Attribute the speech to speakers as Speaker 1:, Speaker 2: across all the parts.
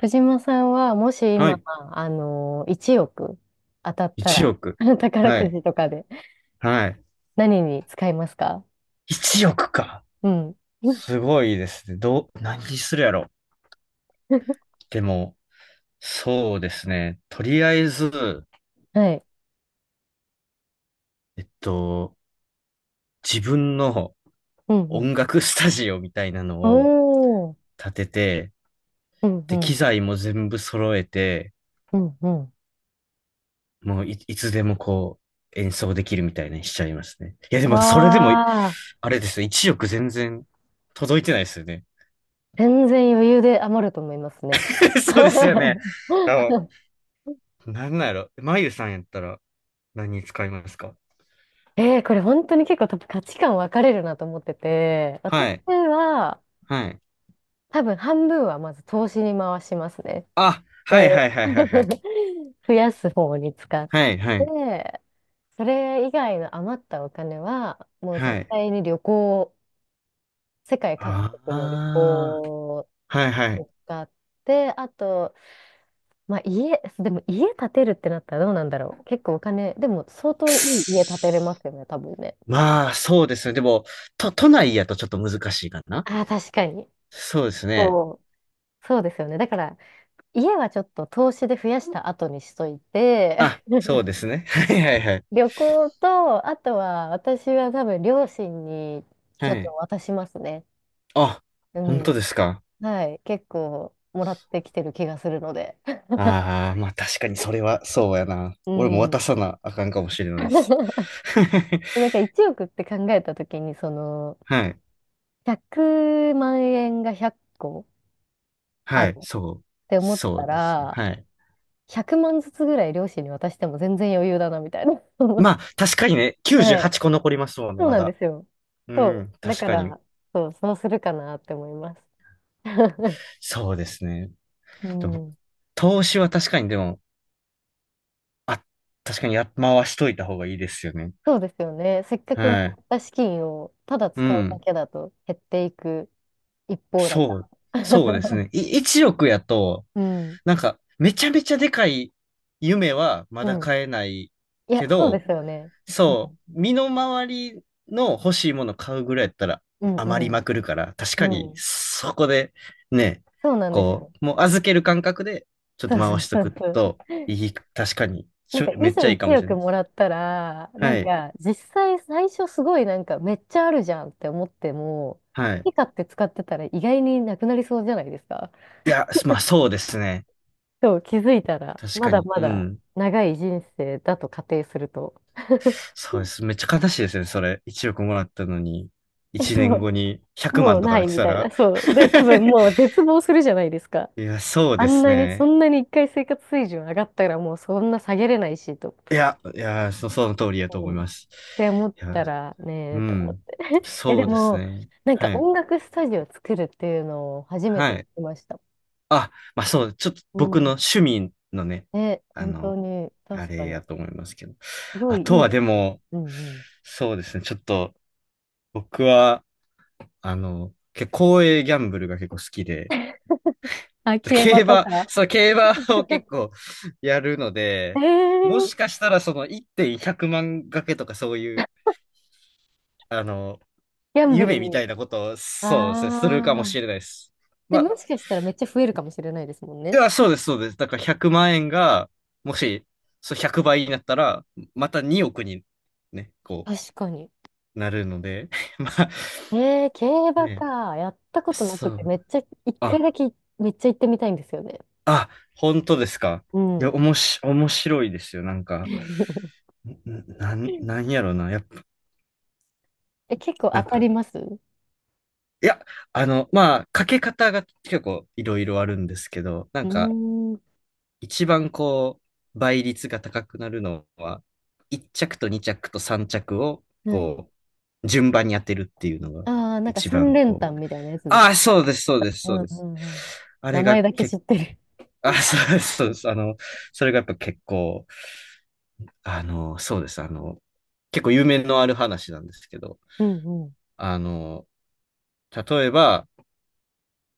Speaker 1: 藤間さんは、もし
Speaker 2: は
Speaker 1: 今、
Speaker 2: い。
Speaker 1: 1億当たった
Speaker 2: 1
Speaker 1: ら、
Speaker 2: 億。
Speaker 1: 宝
Speaker 2: は
Speaker 1: く
Speaker 2: い。
Speaker 1: じとかで
Speaker 2: はい。
Speaker 1: 何に使いますか？
Speaker 2: 1億か。
Speaker 1: うん。
Speaker 2: すごいですね。どう、何にするやろ。でも、そうですね。とりあえず、
Speaker 1: はい。
Speaker 2: えっと、自分の
Speaker 1: うんうん。
Speaker 2: 音楽スタジオみたいなのを
Speaker 1: おー。
Speaker 2: 建てて、
Speaker 1: うんう
Speaker 2: で、機
Speaker 1: ん。
Speaker 2: 材も全部揃えて、
Speaker 1: うんうん。
Speaker 2: もういつでもこう、演奏できるみたいにしちゃいますね。いや、でもそれでも、
Speaker 1: わあ、
Speaker 2: あれですよ。1億全然届いてないですよね。
Speaker 1: 全然余裕で余ると思いますね。
Speaker 2: そうですよね。あの、なんなんやろ。まゆさんやったら、何に使いますか？
Speaker 1: これ本当に結構多分価値観分かれるなと思ってて、私
Speaker 2: はい。
Speaker 1: は
Speaker 2: はい。
Speaker 1: 多分半分はまず投資に回しますね。
Speaker 2: あ、は
Speaker 1: で、
Speaker 2: いはいはいはいはい。
Speaker 1: 増やす方に使っ
Speaker 2: はいはい。
Speaker 1: て、それ以外の余ったお金は、もう
Speaker 2: は
Speaker 1: 絶
Speaker 2: い。
Speaker 1: 対に旅行、世界各国の旅
Speaker 2: ああ、
Speaker 1: 行
Speaker 2: はいは
Speaker 1: を
Speaker 2: い。
Speaker 1: 使って、あと、まあ家、でも家建てるってなったらどうなんだろう。結構お金、でも相当いい家建てれますよね、多分ね。
Speaker 2: まあ、そうですね。でも、都内やとちょっと難しいかな。
Speaker 1: ああ、確かに。
Speaker 2: そうですね。
Speaker 1: そう、そうですよね。だから、家はちょっと投資で増やした後にしとい
Speaker 2: あ、
Speaker 1: て、
Speaker 2: そうですね。はいはいはい。
Speaker 1: 旅行と、あとは私は多分両親にち
Speaker 2: は
Speaker 1: ょっと
Speaker 2: い。
Speaker 1: 渡しますね。
Speaker 2: あ、
Speaker 1: う
Speaker 2: 本当
Speaker 1: ん。
Speaker 2: ですか？
Speaker 1: はい。結構もらってきてる気がするので。
Speaker 2: ああー、まあ確かにそれはそうやな。
Speaker 1: う
Speaker 2: 俺も渡
Speaker 1: ん。
Speaker 2: さなあかんかもしれ ないです。
Speaker 1: なんか1億って考えたときに、その、
Speaker 2: はい。
Speaker 1: 100万円が100個あ
Speaker 2: は
Speaker 1: る
Speaker 2: い。
Speaker 1: っ
Speaker 2: そう。
Speaker 1: て思っ
Speaker 2: そ
Speaker 1: た
Speaker 2: うですね。
Speaker 1: ら、
Speaker 2: はい。
Speaker 1: 100万ずつぐらい両親に渡しても全然余裕だな、みたいな。
Speaker 2: まあ、確かにね、98
Speaker 1: はい。
Speaker 2: 個残りますもんね、
Speaker 1: そう
Speaker 2: ま
Speaker 1: なん
Speaker 2: だ。
Speaker 1: ですよ。
Speaker 2: う
Speaker 1: そ
Speaker 2: ん、
Speaker 1: う。だ
Speaker 2: 確
Speaker 1: か
Speaker 2: かに。
Speaker 1: ら、そうするかなって思います。
Speaker 2: そうですね。
Speaker 1: う
Speaker 2: でも、
Speaker 1: ん。
Speaker 2: 投資は確かに、でも、あ、確かにや、回しといた方がいいですよね。
Speaker 1: そうですよね。せっかくも
Speaker 2: はい。
Speaker 1: らった資金をただ
Speaker 2: う
Speaker 1: 使うだ
Speaker 2: ん。
Speaker 1: けだと減っていく一方だか
Speaker 2: そう、
Speaker 1: ら。
Speaker 2: そうですね。1億やと、
Speaker 1: うん。
Speaker 2: なんか、めちゃめちゃでかい夢はま
Speaker 1: う
Speaker 2: だ
Speaker 1: ん。
Speaker 2: 買えない
Speaker 1: い
Speaker 2: け
Speaker 1: や、そうで
Speaker 2: ど、
Speaker 1: すよね。うん。
Speaker 2: そう、身の回りの欲しいもの買うぐらいやったら
Speaker 1: うん、う
Speaker 2: 余り
Speaker 1: ん。
Speaker 2: まくるから、確
Speaker 1: う
Speaker 2: かに
Speaker 1: ん。
Speaker 2: そこでね、
Speaker 1: そうなんです
Speaker 2: こ
Speaker 1: よ。
Speaker 2: う、もう預ける感覚でちょっ
Speaker 1: そ
Speaker 2: と
Speaker 1: うそ
Speaker 2: 回
Speaker 1: う
Speaker 2: しと
Speaker 1: そ
Speaker 2: く
Speaker 1: うそう。
Speaker 2: といい、確かに、
Speaker 1: なんか、
Speaker 2: め
Speaker 1: い
Speaker 2: っ
Speaker 1: ざ
Speaker 2: ちゃいいか
Speaker 1: 1
Speaker 2: もしれな
Speaker 1: 億
Speaker 2: いで
Speaker 1: も
Speaker 2: す。
Speaker 1: らったら、な
Speaker 2: は
Speaker 1: ん
Speaker 2: い、
Speaker 1: か、実際最初すごいなんか、めっちゃあるじゃんって思っても、
Speaker 2: はい。
Speaker 1: 好き勝手使ってたら意外になくなりそうじゃないですか。
Speaker 2: いや、まあそうですね。
Speaker 1: そう、気づいたら、
Speaker 2: 確
Speaker 1: ま
Speaker 2: か
Speaker 1: だ
Speaker 2: に、
Speaker 1: ま
Speaker 2: う
Speaker 1: だ
Speaker 2: ん。
Speaker 1: 長い人生だと仮定すると。
Speaker 2: そうです。めっちゃ悲しいですね、それ。1億もらったのに、
Speaker 1: え、
Speaker 2: 1
Speaker 1: そ
Speaker 2: 年
Speaker 1: う、
Speaker 2: 後に100
Speaker 1: もう
Speaker 2: 万とか
Speaker 1: な
Speaker 2: なっ
Speaker 1: い
Speaker 2: て
Speaker 1: み
Speaker 2: た
Speaker 1: たい
Speaker 2: ら。
Speaker 1: な。そう。で、多分 もう絶望するじゃないですか。
Speaker 2: いや、そう
Speaker 1: あ
Speaker 2: で
Speaker 1: ん
Speaker 2: す
Speaker 1: なに、そ
Speaker 2: ね。
Speaker 1: んなに一回生活水準上がったらもうそんな下げれないしと、
Speaker 2: いや、いや、その通りやと思
Speaker 1: う
Speaker 2: い
Speaker 1: んっ
Speaker 2: ます。
Speaker 1: て思っ
Speaker 2: いや、
Speaker 1: たらね
Speaker 2: う
Speaker 1: えと思っ
Speaker 2: ん。
Speaker 1: て。え、で
Speaker 2: そうです
Speaker 1: も、
Speaker 2: ね。
Speaker 1: なんか
Speaker 2: はい。
Speaker 1: 音楽スタジオ作るっていうのを初め
Speaker 2: は
Speaker 1: て
Speaker 2: い。
Speaker 1: 聞きました。
Speaker 2: あ、まあそう、ちょっと
Speaker 1: う
Speaker 2: 僕の
Speaker 1: ん。
Speaker 2: 趣味のね、
Speaker 1: ね、
Speaker 2: あ
Speaker 1: 本当
Speaker 2: の、
Speaker 1: に、
Speaker 2: あ
Speaker 1: 確か
Speaker 2: れや
Speaker 1: に。
Speaker 2: と思いますけど。
Speaker 1: すご
Speaker 2: あ
Speaker 1: い
Speaker 2: と
Speaker 1: いい
Speaker 2: は
Speaker 1: で
Speaker 2: で
Speaker 1: すよね。
Speaker 2: も、
Speaker 1: うんうん。
Speaker 2: そうですね。ちょっと、僕は、結構公営ギャンブルが結構好きで、
Speaker 1: あ、競
Speaker 2: 競
Speaker 1: 馬と
Speaker 2: 馬、
Speaker 1: か。
Speaker 2: そう、競馬を結構 やるの
Speaker 1: え
Speaker 2: で、も
Speaker 1: ー、
Speaker 2: しかしたらその1.100万賭けとかそういう、あの、
Speaker 1: ギャンブル
Speaker 2: 夢み
Speaker 1: に。
Speaker 2: たいなことを、そうですね、するかも
Speaker 1: ああ。
Speaker 2: しれないです。
Speaker 1: で、
Speaker 2: まあ、
Speaker 1: もしかしたらめっちゃ増えるかもしれないですもん
Speaker 2: い
Speaker 1: ね。
Speaker 2: や、そうです、そうです。だから100万円が、もし、そう100倍になったら、また2億に、ね、こ
Speaker 1: 確かに。
Speaker 2: う、なるので、まあ、
Speaker 1: 競馬
Speaker 2: ね、
Speaker 1: か。やったことな
Speaker 2: そ
Speaker 1: くて、
Speaker 2: う。
Speaker 1: めっちゃ、一回
Speaker 2: あ、
Speaker 1: だけめっちゃ行ってみたいんですよね。
Speaker 2: あ、本当ですか？
Speaker 1: う
Speaker 2: い
Speaker 1: ん。
Speaker 2: や、おもし、面白いですよ。なんか、なんやろな。やっぱ、
Speaker 1: え、結構
Speaker 2: な
Speaker 1: 当
Speaker 2: ん
Speaker 1: たり
Speaker 2: か、
Speaker 1: ます？ う
Speaker 2: いや、まあ、かけ方が結構いろいろあるんですけど、なん
Speaker 1: ー
Speaker 2: か、
Speaker 1: ん。
Speaker 2: 一番こう、倍率が高くなるのは、1着と2着と3着を、
Speaker 1: はい。
Speaker 2: こう、順番に当てるっていうのが、
Speaker 1: ああ、なんか
Speaker 2: 一
Speaker 1: 三
Speaker 2: 番
Speaker 1: 連
Speaker 2: こ
Speaker 1: 単
Speaker 2: う、
Speaker 1: みたいなやつで
Speaker 2: あ
Speaker 1: す。
Speaker 2: あ、そうです、そうです、
Speaker 1: う
Speaker 2: そ
Speaker 1: ん
Speaker 2: うで
Speaker 1: う
Speaker 2: す。
Speaker 1: んうん。
Speaker 2: あ
Speaker 1: 名
Speaker 2: れが
Speaker 1: 前だけ知
Speaker 2: 結
Speaker 1: って
Speaker 2: 構、
Speaker 1: る。
Speaker 2: あ、そうです、そうです。それがやっぱ結構、そうです、結構有名のある話なんですけど、
Speaker 1: うんう
Speaker 2: あの、例えば、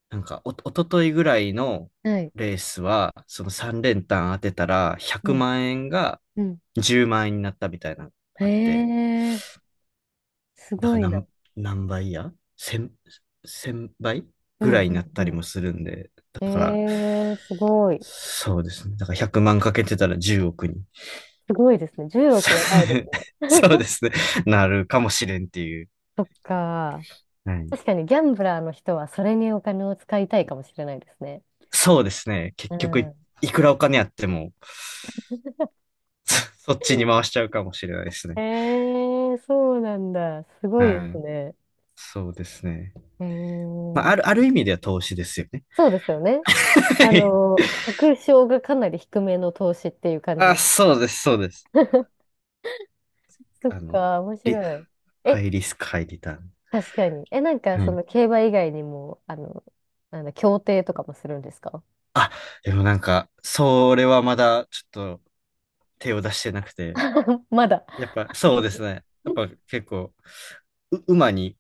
Speaker 2: なんかおとといぐらいの
Speaker 1: ん。はい。
Speaker 2: レースは、その3連単当てたら、
Speaker 1: う
Speaker 2: 100
Speaker 1: ん。
Speaker 2: 万円が
Speaker 1: うん。
Speaker 2: 10万円になったみたいな、
Speaker 1: へ
Speaker 2: あって、
Speaker 1: え、す
Speaker 2: だか
Speaker 1: ご
Speaker 2: ら
Speaker 1: いな。
Speaker 2: 何倍や千倍
Speaker 1: う
Speaker 2: ぐ
Speaker 1: ん
Speaker 2: らいになっ
Speaker 1: う
Speaker 2: た
Speaker 1: ん
Speaker 2: り
Speaker 1: う
Speaker 2: もするんで、だ
Speaker 1: ん。
Speaker 2: から、
Speaker 1: えー、すごい。
Speaker 2: そうですね。だから100万かけてたら10億に。
Speaker 1: すごいですね。10
Speaker 2: さ
Speaker 1: 億やばいです ね。
Speaker 2: そうで すね。なるかもしれんっていう。
Speaker 1: そっか。
Speaker 2: はい、
Speaker 1: 確かにギャンブラーの人はそれにお金を使いたいかもしれないですね。
Speaker 2: そうですね。結
Speaker 1: う
Speaker 2: 局
Speaker 1: ん。
Speaker 2: いくらお金あっても、そそっちに回しちゃうかもしれないですね。
Speaker 1: えー、そうなんだ。すごいで
Speaker 2: は
Speaker 1: す
Speaker 2: い、
Speaker 1: ね。
Speaker 2: そうですね。まあ、
Speaker 1: ええ、
Speaker 2: ある意味では投資ですよね。
Speaker 1: そうですよね。
Speaker 2: はい。
Speaker 1: 確証がかなり低めの投資っていう感じ
Speaker 2: あ、
Speaker 1: で。
Speaker 2: そうです、そうです。
Speaker 1: そっ
Speaker 2: あの、
Speaker 1: か、面
Speaker 2: リ、
Speaker 1: 白い。
Speaker 2: ハ
Speaker 1: え、
Speaker 2: イリスク、ハイリターン。
Speaker 1: 確かに。え、なんか、
Speaker 2: は
Speaker 1: そ
Speaker 2: い。
Speaker 1: の競馬以外にも、なんだ、競艇とかもするんですか？
Speaker 2: あ、でもなんか、それはまだちょっと手を出してなくて、
Speaker 1: まだ。
Speaker 2: やっぱそうです ね。やっぱ結構、馬に、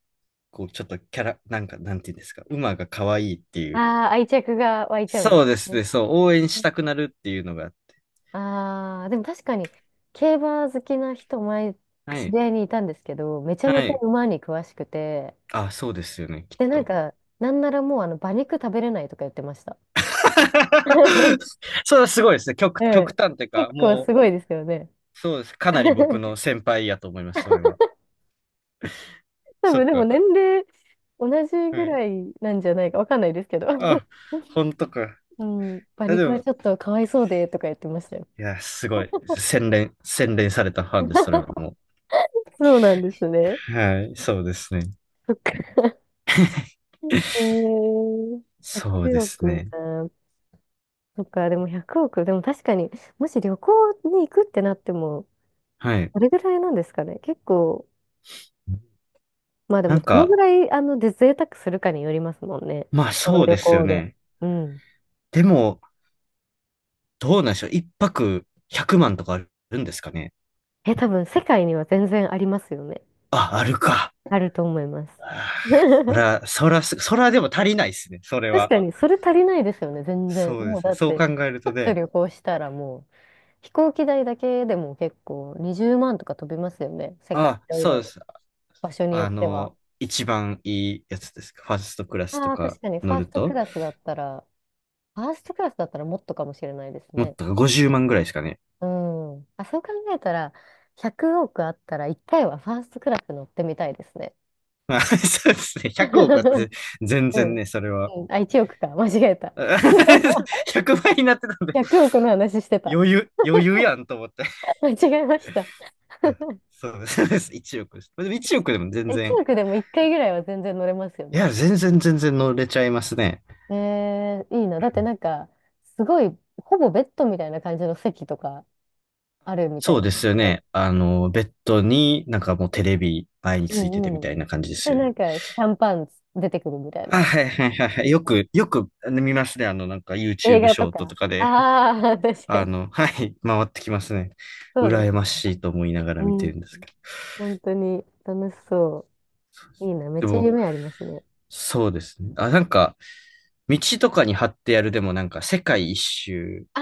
Speaker 2: こう、ちょっとキャラ、なんか、なんていうんですか、馬が可愛いっていう。
Speaker 1: ああ、愛着が湧いちゃうんです
Speaker 2: そうです
Speaker 1: ね。
Speaker 2: ね、そう、応援したくなるっていうのがあって。
Speaker 1: ああ、でも確かに、競馬好きな人、前、
Speaker 2: は
Speaker 1: 知
Speaker 2: い。
Speaker 1: り合いにいたんですけど、めちゃ
Speaker 2: は
Speaker 1: めちゃ
Speaker 2: い。
Speaker 1: 馬に詳しくて、
Speaker 2: あ、そうですよね、きっ
Speaker 1: で、なん
Speaker 2: と。
Speaker 1: か、なんならもう、馬肉食べれないとか言ってました。
Speaker 2: それはすごいですね。
Speaker 1: う
Speaker 2: 極
Speaker 1: ん。
Speaker 2: 端っていうか、
Speaker 1: 結構
Speaker 2: も
Speaker 1: すごいですよね。
Speaker 2: う、そうです。かなり僕の 先輩やと思います、それは。
Speaker 1: 多
Speaker 2: そっ
Speaker 1: 分、でも年
Speaker 2: か。
Speaker 1: 齢、同じ
Speaker 2: は
Speaker 1: ぐ
Speaker 2: い。
Speaker 1: らいなんじゃないか、わかんないですけど。
Speaker 2: あ、本当か。
Speaker 1: うん、馬
Speaker 2: あで
Speaker 1: 肉は
Speaker 2: も、
Speaker 1: ちょっとかわいそうで、とか言ってましたよ。
Speaker 2: いや、すごい。洗練されたファンです、それはも
Speaker 1: そうなんですね。
Speaker 2: う。はい、そうですね。
Speaker 1: そっか。えー、
Speaker 2: そうで
Speaker 1: 100
Speaker 2: す
Speaker 1: 億
Speaker 2: ね。
Speaker 1: な。そっか、でも1億、でも確かに、もし旅行に行くってなっても、
Speaker 2: はい。
Speaker 1: どれぐらいなんですかね。結構、まあで
Speaker 2: な
Speaker 1: も、
Speaker 2: ん
Speaker 1: どの
Speaker 2: か、
Speaker 1: ぐらい、で、贅沢するかによりますもんね。
Speaker 2: まあ
Speaker 1: この
Speaker 2: そう
Speaker 1: 旅
Speaker 2: ですよ
Speaker 1: 行で。
Speaker 2: ね。
Speaker 1: うん。
Speaker 2: でも、どうなんでしょう。一泊100万とかあるんですかね？
Speaker 1: え、多分、世界には全然ありますよね。
Speaker 2: あ、あるか。
Speaker 1: あると思います。
Speaker 2: あーそ ら、そらす、そらでも足りないですね、それ
Speaker 1: 確
Speaker 2: は。
Speaker 1: かに、それ足りないですよね、全然。
Speaker 2: そうで
Speaker 1: もう、
Speaker 2: すね。
Speaker 1: だっ
Speaker 2: そう
Speaker 1: て、
Speaker 2: 考える
Speaker 1: ちょ
Speaker 2: と
Speaker 1: っと
Speaker 2: ね、
Speaker 1: 旅行したらもう、飛行機代だけでも結構20万とか飛びますよね。世界、
Speaker 2: あ、
Speaker 1: いろい
Speaker 2: そうで
Speaker 1: ろ、
Speaker 2: す。
Speaker 1: 場所によっては。
Speaker 2: 一番いいやつです。ファーストクラスと
Speaker 1: ああ、確
Speaker 2: か
Speaker 1: かに、
Speaker 2: 乗ると、
Speaker 1: ファーストクラスだったらもっとかもしれないです
Speaker 2: もっ
Speaker 1: ね。
Speaker 2: と50万ぐらいですかね。
Speaker 1: うん。あ、そう考えたら、100億あったら1回はファーストクラス乗ってみたいですね。
Speaker 2: まあ、そうですね。100億あって、全
Speaker 1: う
Speaker 2: 然
Speaker 1: ん。
Speaker 2: ね、それは。
Speaker 1: うんあ、1億か。間違えた。
Speaker 2: 100倍になってたんで、
Speaker 1: 100億の話してた。
Speaker 2: 余裕やんと思って。
Speaker 1: 間違えました。
Speaker 2: そうです。そうです。1億です。でも1億でも全
Speaker 1: 1
Speaker 2: 然、
Speaker 1: 億でも1回ぐらいは全然乗れますよ
Speaker 2: いや、
Speaker 1: ね。
Speaker 2: 全然全然乗れちゃいますね。
Speaker 1: えー、いいな。だってなんか、すごい、ほぼベッドみたいな感じの席とかあるみたい
Speaker 2: そうですよ
Speaker 1: なね。
Speaker 2: ね。ベッドになんかもうテレビ前に
Speaker 1: う
Speaker 2: ついててみ
Speaker 1: んうん。
Speaker 2: たいな感じです
Speaker 1: で、
Speaker 2: よね。
Speaker 1: なんか、シャンパン出てくるみたい
Speaker 2: あ、
Speaker 1: な。
Speaker 2: はいはいはいはい。よく見ますね。なんか
Speaker 1: 映
Speaker 2: YouTube
Speaker 1: 画
Speaker 2: シ
Speaker 1: と
Speaker 2: ョート
Speaker 1: か。
Speaker 2: とかで。
Speaker 1: ああ、確かに。
Speaker 2: はい、回ってきますね。
Speaker 1: そうで
Speaker 2: 羨ま
Speaker 1: す。
Speaker 2: しいと思いながら
Speaker 1: う
Speaker 2: 見て
Speaker 1: ん。
Speaker 2: るんですけど。
Speaker 1: 本当に楽しそう。いいな。めっ
Speaker 2: で
Speaker 1: ちゃ
Speaker 2: も、
Speaker 1: 夢ありますね。
Speaker 2: そうですね。あ、なんか、道とかに貼ってやるでもなんか、世界一周
Speaker 1: あ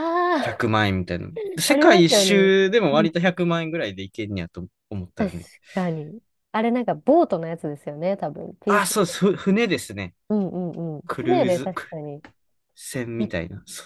Speaker 1: あ、
Speaker 2: 100万円みたいな。
Speaker 1: あ
Speaker 2: 世
Speaker 1: りま
Speaker 2: 界一
Speaker 1: すよね。
Speaker 2: 周でも
Speaker 1: うん。
Speaker 2: 割と100万円ぐらいでいけんねやと思った
Speaker 1: 確
Speaker 2: らね。
Speaker 1: かに。あれなんかボートのやつですよね、多分。ピー
Speaker 2: あ、
Speaker 1: ス。
Speaker 2: そうです。船ですね。
Speaker 1: うんうんうん。
Speaker 2: ク
Speaker 1: 船
Speaker 2: ルー
Speaker 1: で
Speaker 2: ズ
Speaker 1: 確かに。
Speaker 2: 船
Speaker 1: め
Speaker 2: み
Speaker 1: っ
Speaker 2: たいな。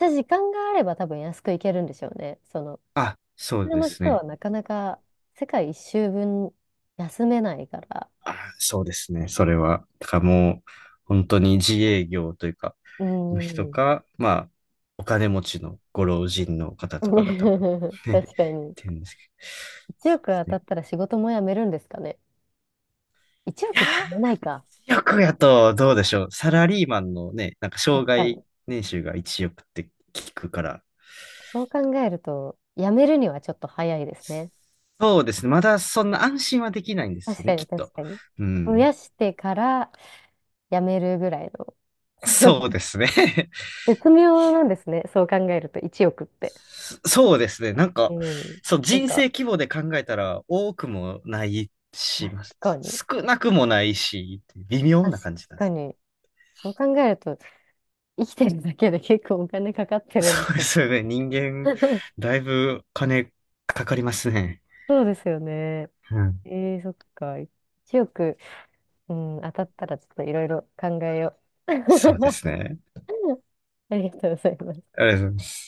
Speaker 1: ちゃ時間があれば多分安く行けるんでしょうね。その、普
Speaker 2: そ
Speaker 1: 通
Speaker 2: うで
Speaker 1: の
Speaker 2: す
Speaker 1: 人は
Speaker 2: ね。
Speaker 1: なかなか世界一周分休めないから。
Speaker 2: あそうですね。それは。だからもう、本当に自営業というか、
Speaker 1: う
Speaker 2: の人
Speaker 1: ん。
Speaker 2: か、まあ、お金持ちのご老人の方とかが多分、ね、
Speaker 1: 確か
Speaker 2: っ
Speaker 1: に。
Speaker 2: てるんですけど。
Speaker 1: 1
Speaker 2: そう
Speaker 1: 億
Speaker 2: です
Speaker 1: 当た
Speaker 2: ね。
Speaker 1: ったら仕事も辞めるんですかね。1
Speaker 2: いや
Speaker 1: 億じゃ辞めないか。
Speaker 2: ー、億やと、どうでしょう。サラリーマンのね、なんか、障
Speaker 1: 確か
Speaker 2: 害
Speaker 1: に。
Speaker 2: 年収が1億って聞くから。
Speaker 1: そう考えると、辞めるにはちょっと早いですね。
Speaker 2: そうですね。まだそんな安心はできないんです
Speaker 1: 確
Speaker 2: よね、
Speaker 1: か
Speaker 2: きっ
Speaker 1: に、確
Speaker 2: と。
Speaker 1: かに。
Speaker 2: う
Speaker 1: 増
Speaker 2: ん。
Speaker 1: やしてから辞めるぐらいの。
Speaker 2: そうですね。
Speaker 1: 絶妙なんですね。そう考えると、1億って。
Speaker 2: そうですね。なんか、
Speaker 1: うん。
Speaker 2: そう、
Speaker 1: なん
Speaker 2: 人生
Speaker 1: か、
Speaker 2: 規模で考えたら多くもないし、
Speaker 1: 確かに。
Speaker 2: 少なくもないし、微妙
Speaker 1: 確
Speaker 2: な感じなんで
Speaker 1: か
Speaker 2: す。
Speaker 1: に。そう考えると、生きてるだけで結構お金かかってるんで
Speaker 2: そう
Speaker 1: す
Speaker 2: で
Speaker 1: ね。
Speaker 2: すよね。人間、だいぶ金かかりますね。
Speaker 1: そうですよね。
Speaker 2: うん。
Speaker 1: えー、そっか。1億。うん、当たったらちょっといろいろ考えよう。
Speaker 2: そうで すね。
Speaker 1: ありがとうございます。
Speaker 2: あれです